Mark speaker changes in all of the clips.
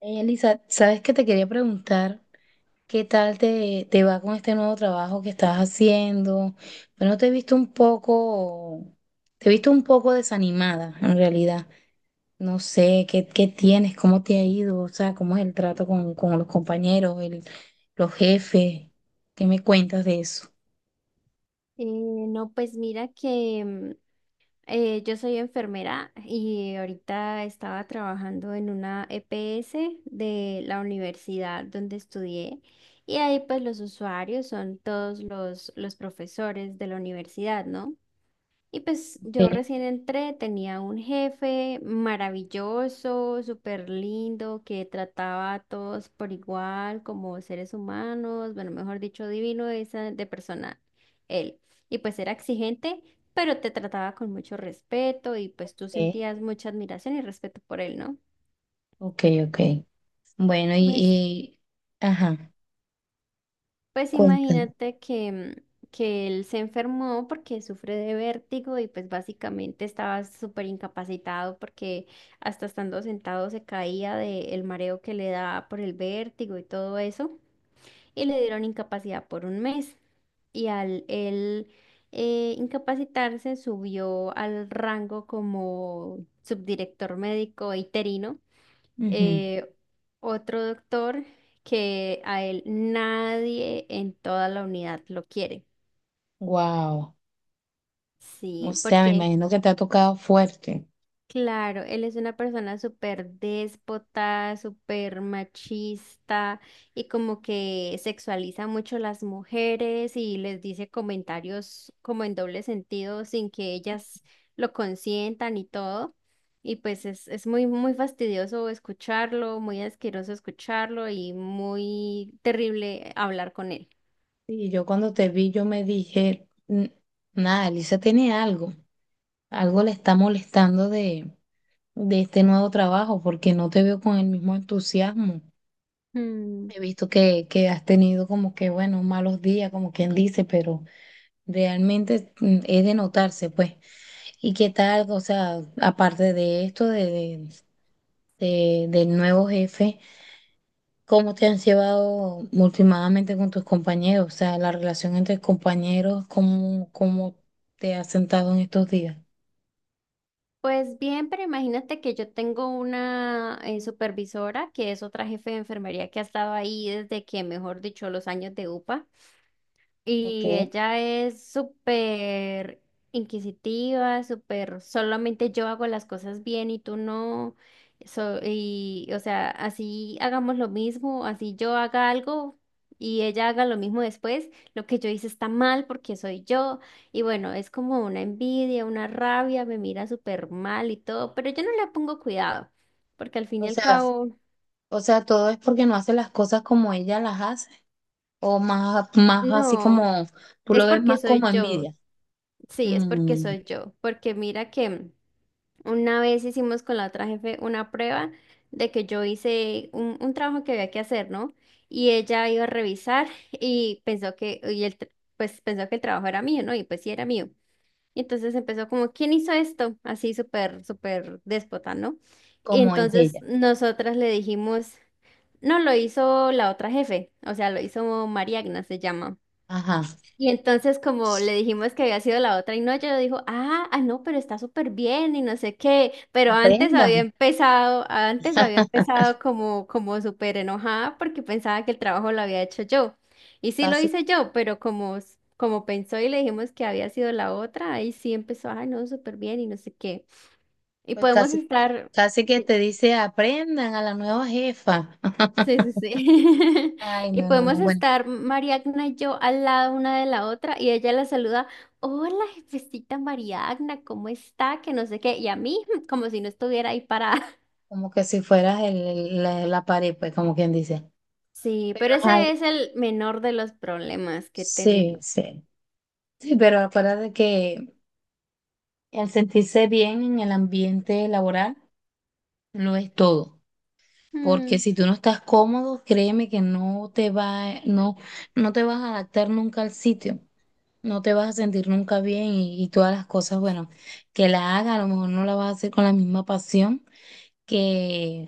Speaker 1: Ey, Elisa, ¿sabes qué te quería preguntar? ¿Qué tal te va con este nuevo trabajo que estás haciendo? Bueno, te he visto un poco desanimada en realidad. No sé, ¿qué tienes? ¿Cómo te ha ido? O sea, ¿cómo es el trato con los compañeros, los jefes? ¿Qué me cuentas de eso?
Speaker 2: No, pues mira que yo soy enfermera y ahorita estaba trabajando en una EPS de la universidad donde estudié y ahí pues los usuarios son todos los profesores de la universidad, ¿no? Y pues yo
Speaker 1: Okay,
Speaker 2: recién entré, tenía un jefe maravilloso, súper lindo, que trataba a todos por igual, como seres humanos, bueno, mejor dicho, divino esa de persona, él. Y pues era exigente, pero te trataba con mucho respeto y pues tú
Speaker 1: okay,
Speaker 2: sentías mucha admiración y respeto por él, ¿no?
Speaker 1: okay, okay. Bueno,
Speaker 2: Pues
Speaker 1: ajá,
Speaker 2: Pues
Speaker 1: cuéntame.
Speaker 2: imagínate que él se enfermó porque sufre de vértigo y pues básicamente estaba súper incapacitado porque hasta estando sentado se caía del mareo que le da por el vértigo y todo eso y le dieron incapacidad por un mes. Y al él incapacitarse subió al rango como subdirector médico interino, eh, otro doctor que a él nadie en toda la unidad lo quiere.
Speaker 1: Wow. O
Speaker 2: Sí,
Speaker 1: sea, me
Speaker 2: porque.
Speaker 1: imagino que te ha tocado fuerte.
Speaker 2: Claro, él es una persona súper déspota, súper machista y como que sexualiza mucho las mujeres y les dice comentarios como en doble sentido sin que ellas lo consientan y todo. Y pues es muy, muy fastidioso escucharlo, muy asqueroso escucharlo y muy terrible hablar con él.
Speaker 1: Y yo cuando te vi, yo me dije, Nada, Elisa tiene algo, algo le está molestando de este nuevo trabajo, porque no te veo con el mismo entusiasmo."
Speaker 2: Mm.
Speaker 1: He visto que has tenido como que, bueno, malos días, como quien dice, pero realmente es de notarse, pues. ¿Y qué tal? O sea, aparte de esto, del nuevo jefe. ¿Cómo te has llevado últimamente con tus compañeros? O sea, la relación entre compañeros, ¿cómo te has sentado en estos días?
Speaker 2: Pues bien, pero imagínate que yo tengo una supervisora que es otra jefe de enfermería que ha estado ahí desde que, mejor dicho, los años de UPA. Y
Speaker 1: Okay.
Speaker 2: ella es súper inquisitiva, súper, solamente yo hago las cosas bien y tú no. Y, o sea, así hagamos lo mismo, así yo haga algo y ella haga lo mismo después, lo que yo hice está mal porque soy yo. Y bueno, es como una envidia, una rabia, me mira súper mal y todo, pero yo no le pongo cuidado, porque al fin
Speaker 1: O
Speaker 2: y al
Speaker 1: sea,
Speaker 2: cabo,
Speaker 1: o sea, todo es porque no hace las cosas como ella las hace, o más, más así
Speaker 2: no,
Speaker 1: como, tú lo
Speaker 2: es
Speaker 1: ves
Speaker 2: porque
Speaker 1: más
Speaker 2: soy
Speaker 1: como
Speaker 2: yo.
Speaker 1: envidia,
Speaker 2: Sí, es porque
Speaker 1: mm,
Speaker 2: soy yo, porque mira que. Una vez hicimos con la otra jefe una prueba de que yo hice un trabajo que había que hacer, ¿no? Y ella iba a revisar y pensó que, el trabajo era mío, ¿no? Y pues sí era mío. Y entonces empezó como, ¿quién hizo esto? Así súper, súper déspota, ¿no? Y
Speaker 1: como en
Speaker 2: entonces
Speaker 1: ella.
Speaker 2: nosotras le dijimos, no, lo hizo la otra jefe, o sea, lo hizo María Agnes, se llama.
Speaker 1: Ajá,
Speaker 2: Y entonces como le dijimos que había sido la otra y no, ella dijo, ah, ah, no, pero está súper bien y no sé qué, pero antes había
Speaker 1: aprendan,
Speaker 2: empezado, antes había empezado como súper enojada porque pensaba que el trabajo lo había hecho yo. Y sí lo
Speaker 1: casi,
Speaker 2: hice yo, pero como pensó y le dijimos que había sido la otra, ahí sí empezó, ay, no, súper bien y no sé qué. Y
Speaker 1: pues
Speaker 2: podemos
Speaker 1: casi,
Speaker 2: estar.
Speaker 1: casi que
Speaker 2: Sí.
Speaker 1: te dice: aprendan a la nueva jefa.
Speaker 2: Sí, sí, sí.
Speaker 1: Ay,
Speaker 2: Y
Speaker 1: no, no, no,
Speaker 2: podemos
Speaker 1: bueno,
Speaker 2: estar Mariagna y yo al lado una de la otra y ella la saluda, hola jefecita Mariagna, ¿cómo está? Que no sé qué. Y a mí, como si no estuviera ahí parada.
Speaker 1: como que si fueras la pared, pues como quien dice.
Speaker 2: Sí,
Speaker 1: Pero,
Speaker 2: pero
Speaker 1: ay,
Speaker 2: ese es el menor de los problemas que he
Speaker 1: sí,
Speaker 2: tenido.
Speaker 1: sí. Sí, pero acuérdate que el sentirse bien en el ambiente laboral lo es todo. Porque
Speaker 2: Mm.
Speaker 1: si tú no estás cómodo, créeme que no te vas a adaptar nunca al sitio. No te vas a sentir nunca bien y, todas las cosas, bueno, que la haga, a lo mejor no la vas a hacer con la misma pasión que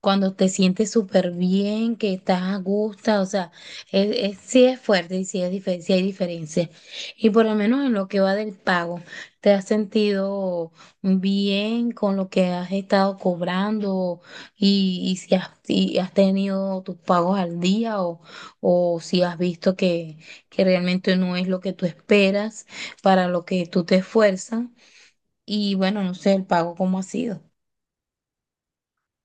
Speaker 1: cuando te sientes súper bien, que estás a gusto, o sea, es, sí es fuerte y sí, sí hay diferencia. Y por lo menos en lo que va del pago, ¿te has sentido bien con lo que has estado cobrando y si has, y has tenido tus pagos al día o si has visto que realmente no es lo que tú esperas para lo que tú te esfuerzas? Y bueno, no sé el pago cómo ha sido.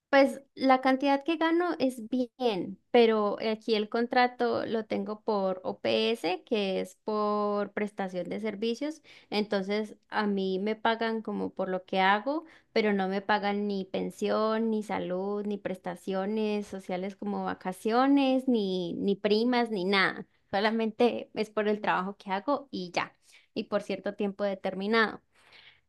Speaker 2: Pues la cantidad que gano es bien, pero aquí el contrato lo tengo por OPS, que es por prestación de servicios. Entonces a mí me pagan como por lo que hago, pero no me pagan ni pensión, ni salud, ni prestaciones sociales como vacaciones, ni primas, ni nada. Solamente es por el trabajo que hago y ya, y por cierto tiempo determinado.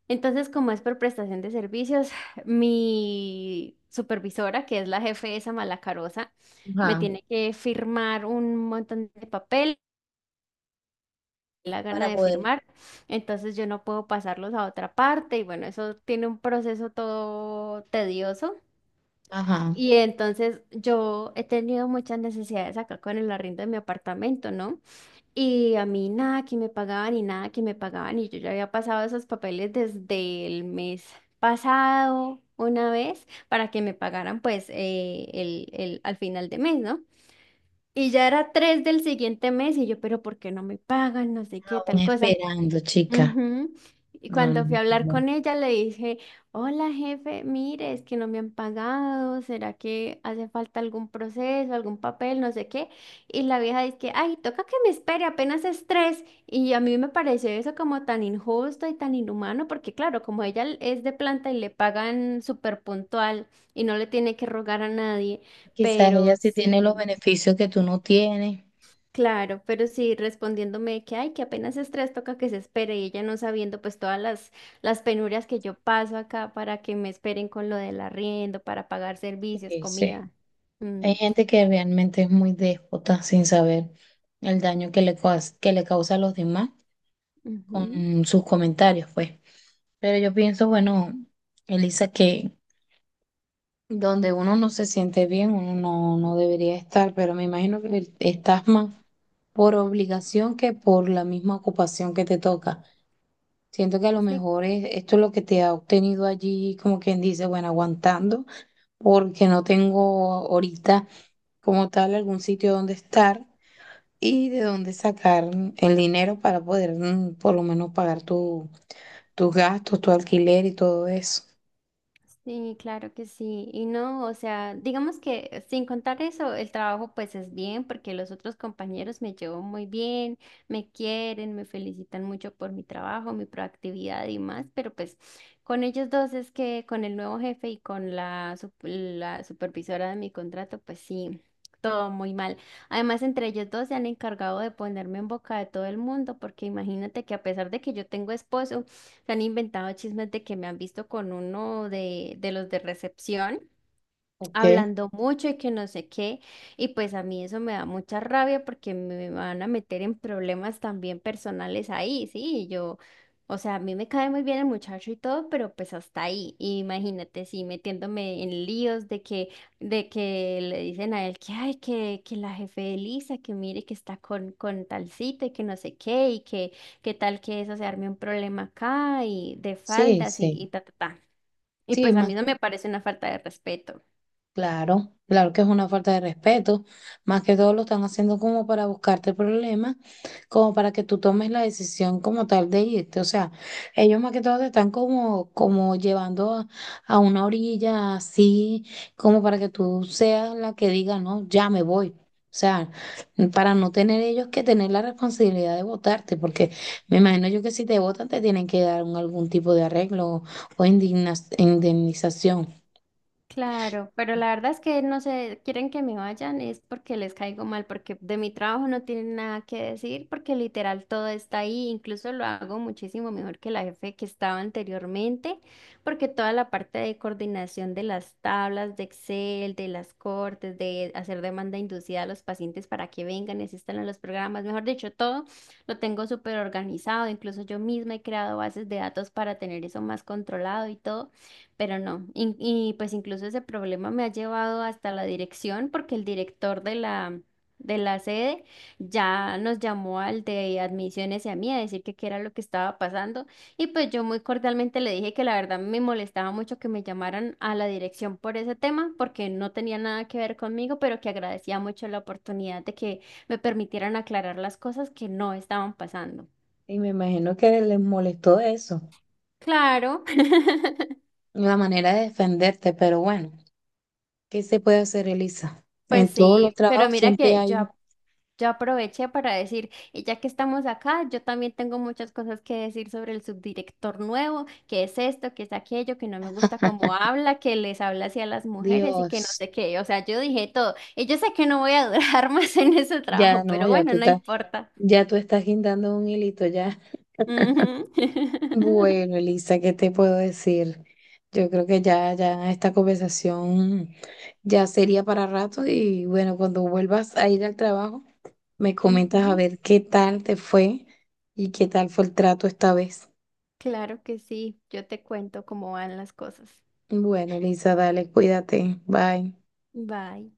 Speaker 2: Entonces, como es por prestación de servicios, mi supervisora, que es la jefe esa malacarosa, me
Speaker 1: Ajá.
Speaker 2: tiene que firmar un montón de papel, la gana
Speaker 1: Para
Speaker 2: de
Speaker 1: poder.
Speaker 2: firmar, entonces yo no puedo pasarlos a otra parte y bueno, eso tiene un proceso todo tedioso.
Speaker 1: Ajá.
Speaker 2: Y entonces yo he tenido muchas necesidades acá con el arriendo de mi apartamento, ¿no? Y a mí nada que me pagaban y nada que me pagaban y yo ya había pasado esos papeles desde el mes pasado una vez para que me pagaran pues al final de mes, ¿no? Y ya era 3 del siguiente mes y yo, pero ¿por qué no me pagan? No sé qué,
Speaker 1: Aún
Speaker 2: tal cosa.
Speaker 1: esperando, chica.
Speaker 2: Ujú. Y
Speaker 1: No,
Speaker 2: cuando fui
Speaker 1: no,
Speaker 2: a
Speaker 1: que
Speaker 2: hablar
Speaker 1: no.
Speaker 2: con ella, le dije, hola jefe, mire, es que no me han pagado, ¿será que hace falta algún proceso, algún papel, no sé qué? Y la vieja dice que, ay, toca que me espere, apenas es 3. Y a mí me pareció eso como tan injusto y tan inhumano, porque claro, como ella es de planta y le pagan súper puntual y no le tiene que rogar a nadie,
Speaker 1: Quizás ella
Speaker 2: pero
Speaker 1: sí tiene los
Speaker 2: sí.
Speaker 1: beneficios que tú no tienes.
Speaker 2: Claro, pero sí respondiéndome que ay, que apenas es 3, toca que se espere y ella no sabiendo pues todas las penurias que yo paso acá para que me esperen con lo del arriendo, para pagar servicios,
Speaker 1: Sí, sí.
Speaker 2: comida.
Speaker 1: Hay
Speaker 2: Mm,
Speaker 1: gente que realmente es muy déspota sin saber el daño que le causa a los demás
Speaker 2: ujú.
Speaker 1: con sus comentarios, pues. Pero yo pienso, bueno, Elisa, que donde uno no se siente bien, uno no debería estar, pero me imagino que estás más por obligación que por la misma ocupación que te toca. Siento que a lo
Speaker 2: Sí,
Speaker 1: mejor esto es lo que te ha obtenido allí, como quien dice, bueno, aguantando, porque no tengo ahorita como tal algún sitio donde estar y de dónde sacar el dinero para poder, por lo menos pagar tus gastos, tu alquiler y todo eso.
Speaker 2: Sí, claro que sí. Y no, o sea, digamos que sin contar eso, el trabajo pues es bien porque los otros compañeros me llevo muy bien, me quieren, me felicitan mucho por mi trabajo, mi proactividad y más, pero pues con ellos dos es que con el nuevo jefe y con la supervisora de mi contrato, pues sí, todo muy mal. Además, entre ellos dos se han encargado de ponerme en boca de todo el mundo porque imagínate que a pesar de que yo tengo esposo, se han inventado chismes de que me han visto con uno de los de recepción
Speaker 1: Ok,
Speaker 2: hablando mucho y que no sé qué. Y pues a mí eso me da mucha rabia porque me van a meter en problemas también personales ahí, sí, y yo, o sea, a mí me cae muy bien el muchacho y todo, pero pues hasta ahí. Y imagínate, sí, metiéndome en líos de que le dicen a él que, ay, que la jefe de Lisa, que mire que está con tal cita y que no sé qué, y que tal que eso se arme un problema acá y de
Speaker 1: sí,
Speaker 2: faldas y,
Speaker 1: sí.
Speaker 2: y ta, ta, ta. Y
Speaker 1: Sí,
Speaker 2: pues a mí
Speaker 1: más.
Speaker 2: no me parece una falta de respeto.
Speaker 1: Claro, claro que es una falta de respeto. Más que todo lo están haciendo como para buscarte problemas, como para que tú tomes la decisión como tal de irte. O sea, ellos más que todo te están como, como llevando a una orilla así, como para que tú seas la que diga, no, ya me voy. O sea, para no tener ellos que tener la responsabilidad de votarte, porque me imagino yo que si te votan te tienen que dar algún tipo de arreglo o indemnización.
Speaker 2: Claro, pero la verdad es que no se quieren que me vayan, es porque les caigo mal, porque de mi trabajo no tienen nada que decir, porque literal todo está ahí, incluso lo hago muchísimo mejor que la jefe que estaba anteriormente, porque toda la parte de coordinación de las tablas de Excel, de las cortes, de hacer demanda inducida a los pacientes para que vengan y asistan a los programas, mejor dicho, todo lo tengo súper organizado, incluso yo misma he creado bases de datos para tener eso más controlado y todo. Pero no, y pues incluso ese problema me ha llevado hasta la dirección porque el director de la sede ya nos llamó al de admisiones y a mí a decir que qué era lo que estaba pasando y pues yo muy cordialmente le dije que la verdad me molestaba mucho que me llamaran a la dirección por ese tema porque no tenía nada que ver conmigo, pero que agradecía mucho la oportunidad de que me permitieran aclarar las cosas que no estaban pasando.
Speaker 1: Y me imagino que les molestó eso,
Speaker 2: Claro.
Speaker 1: la manera de defenderte, pero bueno, ¿qué se puede hacer, Elisa?
Speaker 2: Pues
Speaker 1: En todos los
Speaker 2: sí, pero
Speaker 1: trabajos
Speaker 2: mira
Speaker 1: siempre
Speaker 2: que
Speaker 1: hay,
Speaker 2: yo aproveché para decir, y ya que estamos acá, yo también tengo muchas cosas que decir sobre el subdirector nuevo, que es esto, que es aquello, que no me gusta cómo habla, que les habla así a las mujeres y que no
Speaker 1: Dios,
Speaker 2: sé qué. O sea, yo dije todo. Y yo sé que no voy a durar más en ese
Speaker 1: ya
Speaker 2: trabajo,
Speaker 1: no,
Speaker 2: pero bueno, no importa.
Speaker 1: ya tú estás guindando un hilito ya.
Speaker 2: Ujú.
Speaker 1: Bueno, Elisa, ¿qué te puedo decir? Yo creo que ya esta conversación ya sería para rato y bueno, cuando vuelvas a ir al trabajo, me comentas a
Speaker 2: Ujú.
Speaker 1: ver qué tal te fue y qué tal fue el trato esta vez.
Speaker 2: Claro que sí, yo te cuento cómo van las cosas.
Speaker 1: Bueno, Elisa, dale, cuídate. Bye.
Speaker 2: Bye.